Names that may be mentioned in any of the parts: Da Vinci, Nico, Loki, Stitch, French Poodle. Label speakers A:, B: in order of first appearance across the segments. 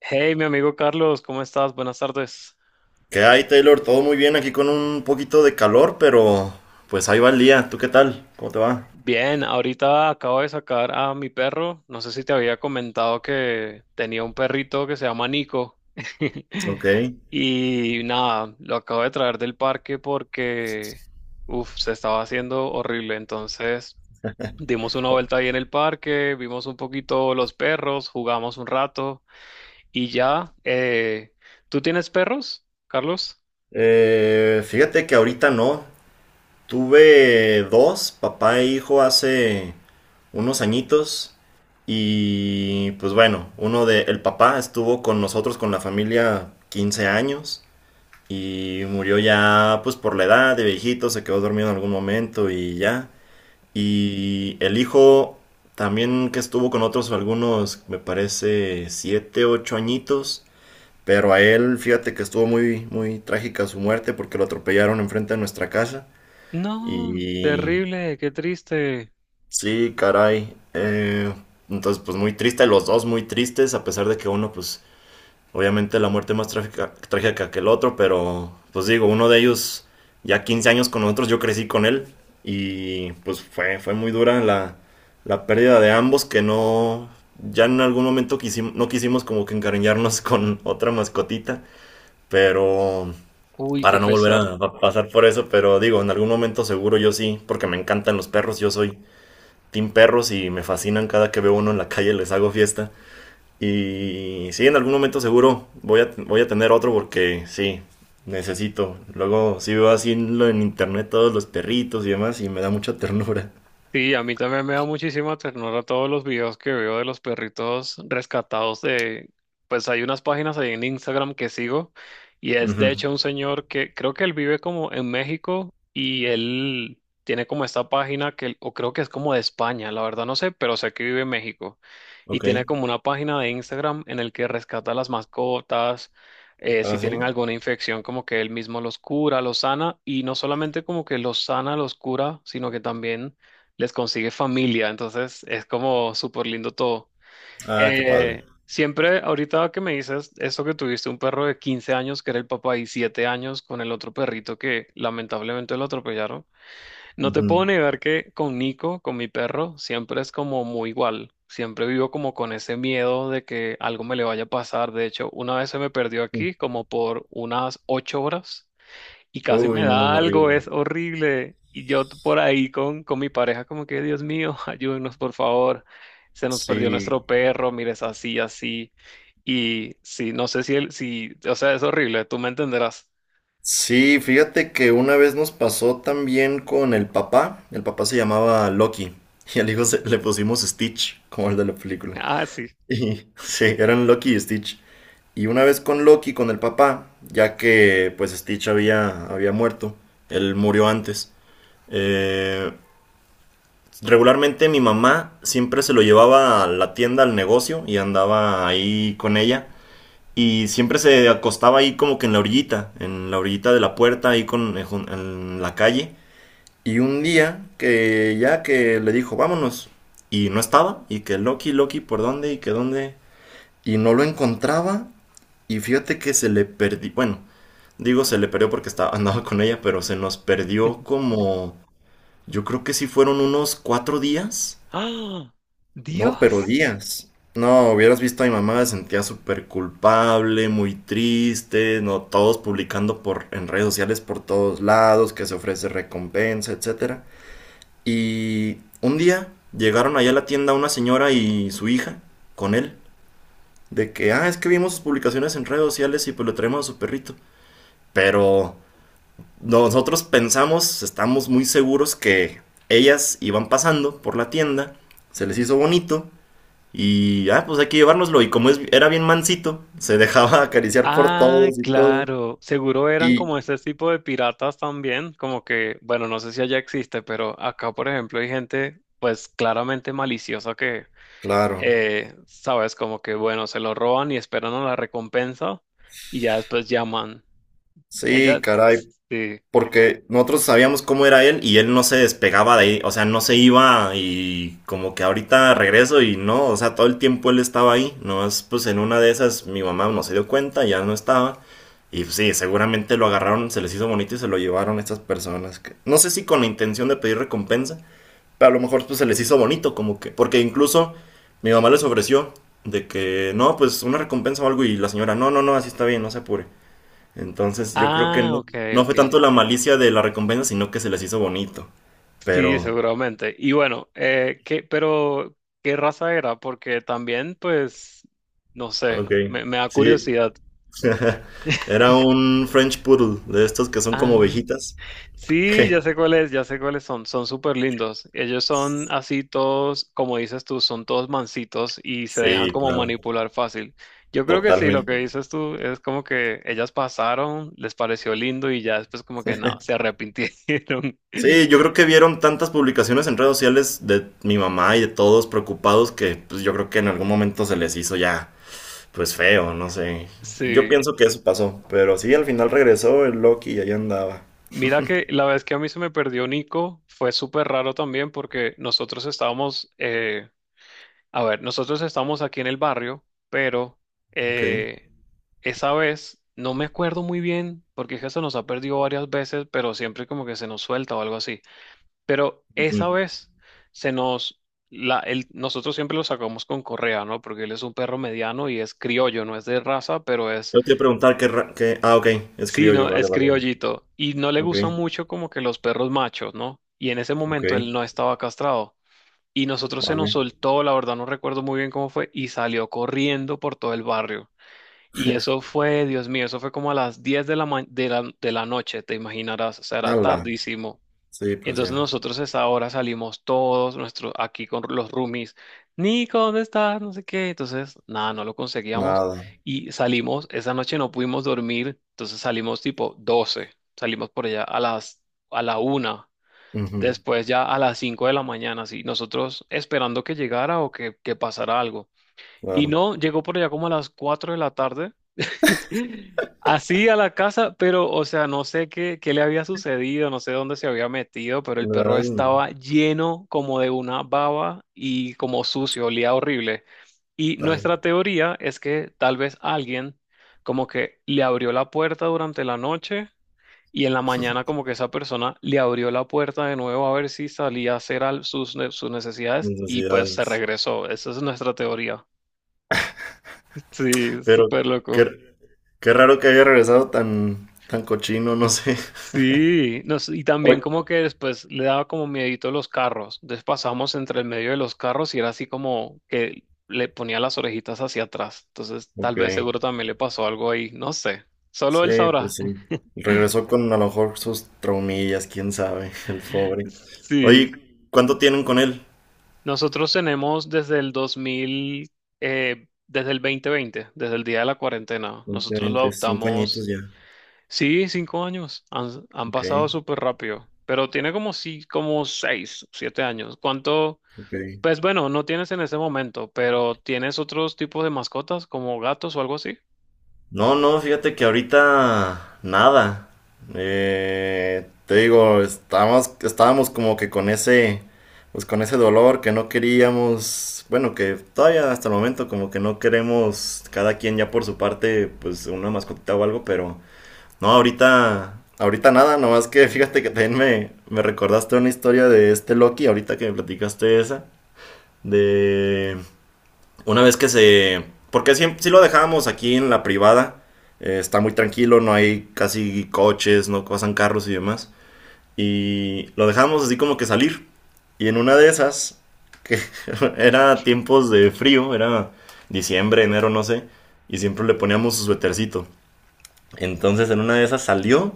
A: Hey, mi amigo Carlos, ¿cómo estás? Buenas tardes.
B: ¿Qué hay, Taylor? Todo muy bien aquí con un poquito de calor, pero pues ahí va el día. ¿Tú qué tal? ¿Cómo te va?
A: Bien, ahorita acabo de sacar a mi perro. No sé si te había comentado que tenía un perrito que se llama Nico.
B: Ok.
A: Y nada, lo acabo de traer del parque porque, uff, se estaba haciendo horrible. Entonces, dimos una vuelta ahí en el parque, vimos un poquito los perros, jugamos un rato y ya. ¿Tú tienes perros, Carlos?
B: Fíjate que ahorita no. Tuve dos, papá e hijo, hace unos añitos. Y pues bueno, uno de el papá estuvo con nosotros, con la familia, 15 años. Y murió ya, pues por la edad de viejito, se quedó dormido en algún momento y ya. Y el hijo también que estuvo con otros algunos, me parece, 7, 8 añitos. Pero a él, fíjate que estuvo muy, muy trágica su muerte porque lo atropellaron enfrente de nuestra casa.
A: No,
B: Y
A: terrible, qué triste.
B: sí, caray. Entonces, pues muy triste, los dos muy tristes, a pesar de que uno, pues obviamente la muerte más trágica, trágica que el otro, pero pues digo, uno de ellos ya 15 años con nosotros, yo crecí con él y pues fue muy dura la pérdida de ambos que no, ya en algún momento quisimos no quisimos como que encariñarnos con otra mascotita, pero
A: Uy,
B: para
A: qué
B: no volver
A: pesar.
B: a pasar por eso, pero digo, en algún momento seguro yo sí, porque me encantan los perros, yo soy team perros y me fascinan cada que veo uno en la calle, les hago fiesta. Y sí, en algún momento seguro voy a tener otro porque sí, necesito. Luego sí veo así en internet todos los perritos y demás y me da mucha ternura.
A: Sí, a mí también me da muchísima ternura todos los videos que veo de los perritos rescatados de, pues hay unas páginas ahí en Instagram que sigo y es de
B: Ujú.
A: hecho un señor que creo que él vive como en México y él tiene como esta página que, o creo que es como de España, la verdad no sé, pero sé que vive en México y
B: Ok.
A: tiene como una página de Instagram en el que rescata las mascotas,
B: Ah,
A: si
B: sí.
A: tienen alguna infección, como que él mismo los cura, los sana, y no solamente como que los sana, los cura, sino que también les consigue familia, entonces es como súper lindo todo.
B: Ah, qué padre.
A: Siempre, ahorita que me dices eso que tuviste un perro de 15 años que era el papá y 7 años con el otro perrito que lamentablemente lo atropellaron, no te puedo
B: Ujú.
A: negar que con Nico, con mi perro, siempre es como muy igual. Siempre vivo como con ese miedo de que algo me le vaya a pasar. De hecho, una vez se me perdió aquí como por unas 8 horas y casi
B: Uy,
A: me
B: no,
A: da algo, es
B: horrible.
A: horrible. Y yo por ahí con mi pareja como que, Dios mío, ayúdenos por favor, se nos perdió
B: Sí.
A: nuestro perro, mires así, así. Y sí, no sé si él, si, o sea, es horrible, tú me entenderás.
B: Sí, fíjate que una vez nos pasó también con el papá. El papá se llamaba Loki y al hijo le pusimos Stitch, como el de la película.
A: Ah, sí.
B: Y sí, eran Loki y Stitch. Y una vez con Loki, con el papá, ya que pues Stitch había muerto, él murió antes. Eh, regularmente mi mamá siempre se lo llevaba a la tienda, al negocio, y andaba ahí con ella. Y siempre se acostaba ahí como que en la orillita de la puerta, ahí en la calle. Y un día que ya que le dijo, vámonos, y no estaba, y que Loki, Loki, ¿por dónde? Y que dónde. Y no lo encontraba, y fíjate que se le perdió, bueno, digo, se le perdió porque estaba, andaba con ella, pero se nos perdió como. Yo creo que sí fueron unos 4 días.
A: ¡Ah!
B: No, pero
A: Dios.
B: días. No, hubieras visto a mi mamá, se sentía súper culpable, muy triste, no, todos publicando en redes sociales por todos lados, que se ofrece recompensa, etcétera. Y un día llegaron allá a la tienda una señora y su hija con él, de que, ah, es que vimos sus publicaciones en redes sociales y pues le traemos a su perrito. Pero nosotros pensamos, estamos muy seguros que ellas iban pasando por la tienda, se les hizo bonito y, ah, pues hay que llevárnoslo. Y como era bien mansito, se dejaba acariciar por
A: Ah,
B: todos y todo.
A: claro. Seguro eran como
B: Y,
A: ese tipo de piratas también, como que, bueno, no sé si allá existe, pero acá, por ejemplo, hay gente, pues claramente maliciosa que
B: claro,
A: sabes, como que bueno, se lo roban y esperan a la recompensa y ya después llaman. Ella,
B: sí, caray,
A: sí.
B: porque nosotros sabíamos cómo era él y él no se despegaba de ahí, o sea, no se iba y como que ahorita regreso y no, o sea, todo el tiempo él estaba ahí, no es pues en una de esas mi mamá no se dio cuenta, ya no estaba y pues, sí, seguramente lo agarraron, se les hizo bonito y se lo llevaron estas personas que no sé si con la intención de pedir recompensa, pero a lo mejor pues se les hizo bonito como que porque incluso mi mamá les ofreció de que no, pues una recompensa o algo y la señora no, no, no, así está bien, no se apure. Entonces yo creo que
A: Ah,
B: no,
A: ok,
B: no
A: ok.
B: fue tanto la malicia de la recompensa, sino que se les hizo bonito.
A: Sí,
B: Pero,
A: seguramente. Y bueno, ¿qué, pero qué raza era? Porque también, pues, no sé,
B: ok,
A: me da
B: sí.
A: curiosidad.
B: Era un French Poodle, de estos que son como
A: Ah.
B: ovejitas.
A: Sí, ya sé cuáles son, son súper lindos. Ellos son así todos, como dices tú, son todos mansitos y se
B: Sí,
A: dejan como
B: claro,
A: manipular fácil. Yo creo que sí, lo que
B: totalmente.
A: dices tú es como que ellas pasaron, les pareció lindo y ya después como que no, se arrepintieron.
B: Sí, yo creo que vieron tantas publicaciones en redes sociales de mi mamá y de todos preocupados que pues yo creo que en algún momento se les hizo ya pues feo, no sé. Yo
A: Sí,
B: pienso que eso pasó, pero sí, al final regresó el Loki y ahí andaba.
A: mira que la vez que a mí se me perdió Nico fue súper raro también porque nosotros estábamos, a ver, nosotros estamos aquí en el barrio, pero
B: Ok.
A: eh, esa vez no me acuerdo muy bien, porque es que se nos ha perdido varias veces, pero siempre como que se nos suelta o algo así. Pero esa vez se nos, nosotros siempre lo sacamos con correa, ¿no? Porque él es un perro mediano y es criollo, no es de raza, pero es,
B: Yo te iba a preguntar qué, Ah, ok, es
A: sí, no,
B: criollo, vale,
A: es
B: vale.
A: criollito. Y no le
B: Ok,
A: gustan mucho como que los perros machos, ¿no? Y en ese
B: ok,
A: momento él no estaba castrado. Y nosotros se
B: vale.
A: nos soltó, la verdad no recuerdo muy bien cómo fue, y salió corriendo por todo el barrio. Y eso fue, Dios mío, eso fue como a las 10 de la, de la noche, te imaginarás, o sea, era
B: Ala,
A: tardísimo.
B: sí, pues
A: Entonces
B: ya.
A: nosotros a esa hora salimos todos, nuestros, aquí con los roomies, Nico, ¿dónde estás? No sé qué. Entonces, nada, no lo conseguíamos.
B: Nada.
A: Y salimos, esa noche no pudimos dormir, entonces salimos tipo 12. Salimos por allá a las, a la una.
B: Ujú,
A: Después ya a las 5 de la mañana, sí, nosotros esperando que llegara o que pasara algo. Y
B: claro.
A: no, llegó por allá como a las 4 de la tarde, así a la casa, pero o sea, no sé qué, qué le había sucedido, no sé dónde se había metido, pero el perro
B: Ay,
A: estaba lleno como de una baba y como sucio, olía horrible. Y
B: ay,
A: nuestra teoría es que tal vez alguien como que le abrió la puerta durante la noche y en la mañana como que esa persona le abrió la puerta de nuevo a ver si salía a hacer sus, sus necesidades y pues se
B: necesidades.
A: regresó. Esa es nuestra teoría. Sí,
B: Pero
A: súper loco.
B: qué, qué raro que haya regresado tan, tan cochino, no sé.
A: Sí, no y también
B: Oye.
A: como que después le daba como miedito a los carros. Entonces pasamos entre el medio de los carros y era así como que le ponía las orejitas hacia atrás. Entonces tal
B: Ok,
A: vez seguro también le pasó algo ahí, no sé. Solo
B: sí,
A: él sabrá.
B: pues sí. Regresó con a lo mejor sus traumillas, quién sabe, el pobre.
A: Sí.
B: Oye, ¿cuánto tienen con él?
A: Nosotros tenemos desde el 2000, desde el 2020, desde el día de la cuarentena.
B: 20,
A: Nosotros lo
B: 25 añitos
A: adoptamos,
B: ya.
A: sí, 5 años. Han
B: Ok,
A: pasado súper rápido, pero tiene como sí, como 6, 7 años. ¿Cuánto?
B: ok.
A: Pues bueno, no tienes en ese momento, pero ¿tienes otros tipos de mascotas como gatos o algo así?
B: No, no, fíjate que ahorita nada. Te digo, estábamos como que con ese, pues con ese dolor que no queríamos, bueno, que todavía hasta el momento como que no queremos cada quien ya por su parte, pues una mascotita o algo, pero no, ahorita, ahorita nada, nomás que fíjate que también me recordaste una historia de este Loki, ahorita que me platicaste esa, de una vez que se. Porque si lo dejábamos aquí en la privada, está muy tranquilo, no hay casi coches, no pasan carros y demás. Y lo dejábamos así como que salir. Y en una de esas, que era tiempos de frío, era diciembre, enero, no sé, y siempre le poníamos su suetercito. Entonces en una de esas salió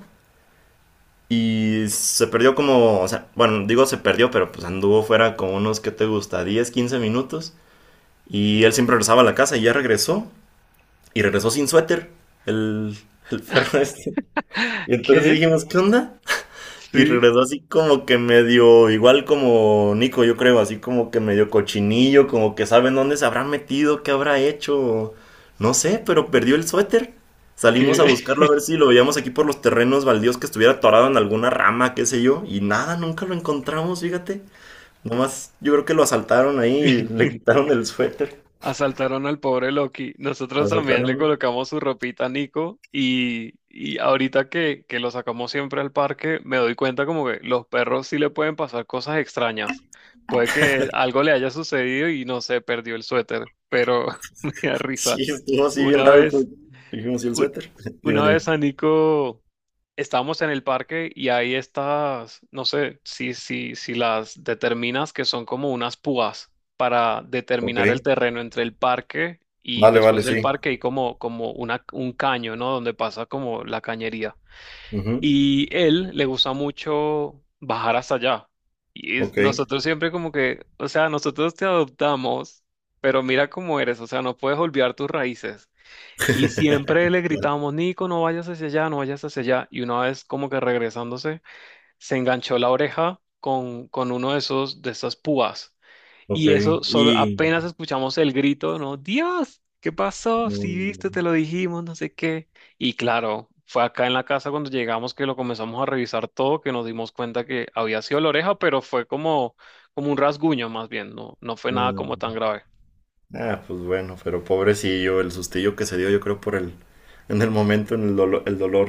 B: y se perdió como, o sea, bueno, digo se perdió, pero pues anduvo fuera como unos, ¿qué te gusta? 10 15 minutos. Y él siempre regresaba a la casa y ya regresó. Y regresó sin suéter el, el perro este. Y entonces sí
A: ¿Qué?
B: dijimos, ¿qué onda? Y
A: Sí,
B: regresó así como que medio, igual como Nico, yo creo, así como que medio cochinillo, como que saben dónde se habrá metido, qué habrá hecho. No sé, pero perdió el suéter. Salimos a
A: ¿qué?
B: buscarlo a ver si lo veíamos aquí por los terrenos baldíos que estuviera atorado en alguna rama, qué sé yo. Y nada, nunca lo encontramos, fíjate. Nomás yo creo que lo asaltaron ahí y le quitaron el suéter.
A: Asaltaron al pobre Loki. Nosotros también
B: Asaltaron.
A: le colocamos su ropita a Nico y ahorita que lo sacamos siempre al parque, me doy cuenta como que los perros sí le pueden pasar cosas extrañas. Puede que algo le haya sucedido y no sé, perdió el suéter, pero me da risa.
B: Sí, estuvo así bien
A: Una
B: raro que
A: vez,
B: dijimos, ¿y el
A: un-
B: suéter? Dime,
A: una
B: dime.
A: vez a Nico... Estábamos en el parque y hay estas, no sé si las determinas que son como unas púas para
B: Ok,
A: determinar el terreno entre el parque y
B: vale, vale,
A: después del
B: sí.
A: parque hay como, como una, un caño, ¿no? Donde pasa como la cañería.
B: Ujú.
A: Y él le gusta mucho bajar hasta allá. Y
B: Ok,
A: nosotros siempre como que, o sea, nosotros te adoptamos, pero mira cómo eres, o sea, no puedes olvidar tus raíces. Y siempre le gritábamos, Nico, no vayas hacia allá, no vayas hacia allá. Y una vez como que regresándose, se enganchó la oreja con uno de esos, de esas púas.
B: ok.
A: Y eso solo
B: Y
A: apenas escuchamos el grito, ¿no? Dios, ¿qué pasó? Si viste,
B: mm,
A: te lo dijimos, no sé qué. Y claro, fue acá en la casa cuando llegamos que lo comenzamos a revisar todo, que nos dimos cuenta que había sido la oreja, pero fue como, como un rasguño más bien, no, no fue nada
B: ah,
A: como tan grave.
B: ah, pues bueno, pero pobrecillo, el sustillo que se dio, yo creo, por el. En el momento, en el dolor.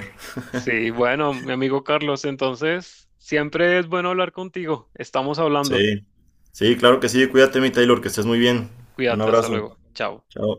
A: Sí, bueno, mi amigo Carlos, entonces siempre es bueno hablar contigo. Estamos hablando.
B: Sí, sí, claro que sí, cuídate, mi Taylor, que estés muy bien. Un
A: Cuídate, hasta
B: abrazo.
A: luego. Chao.
B: Chao.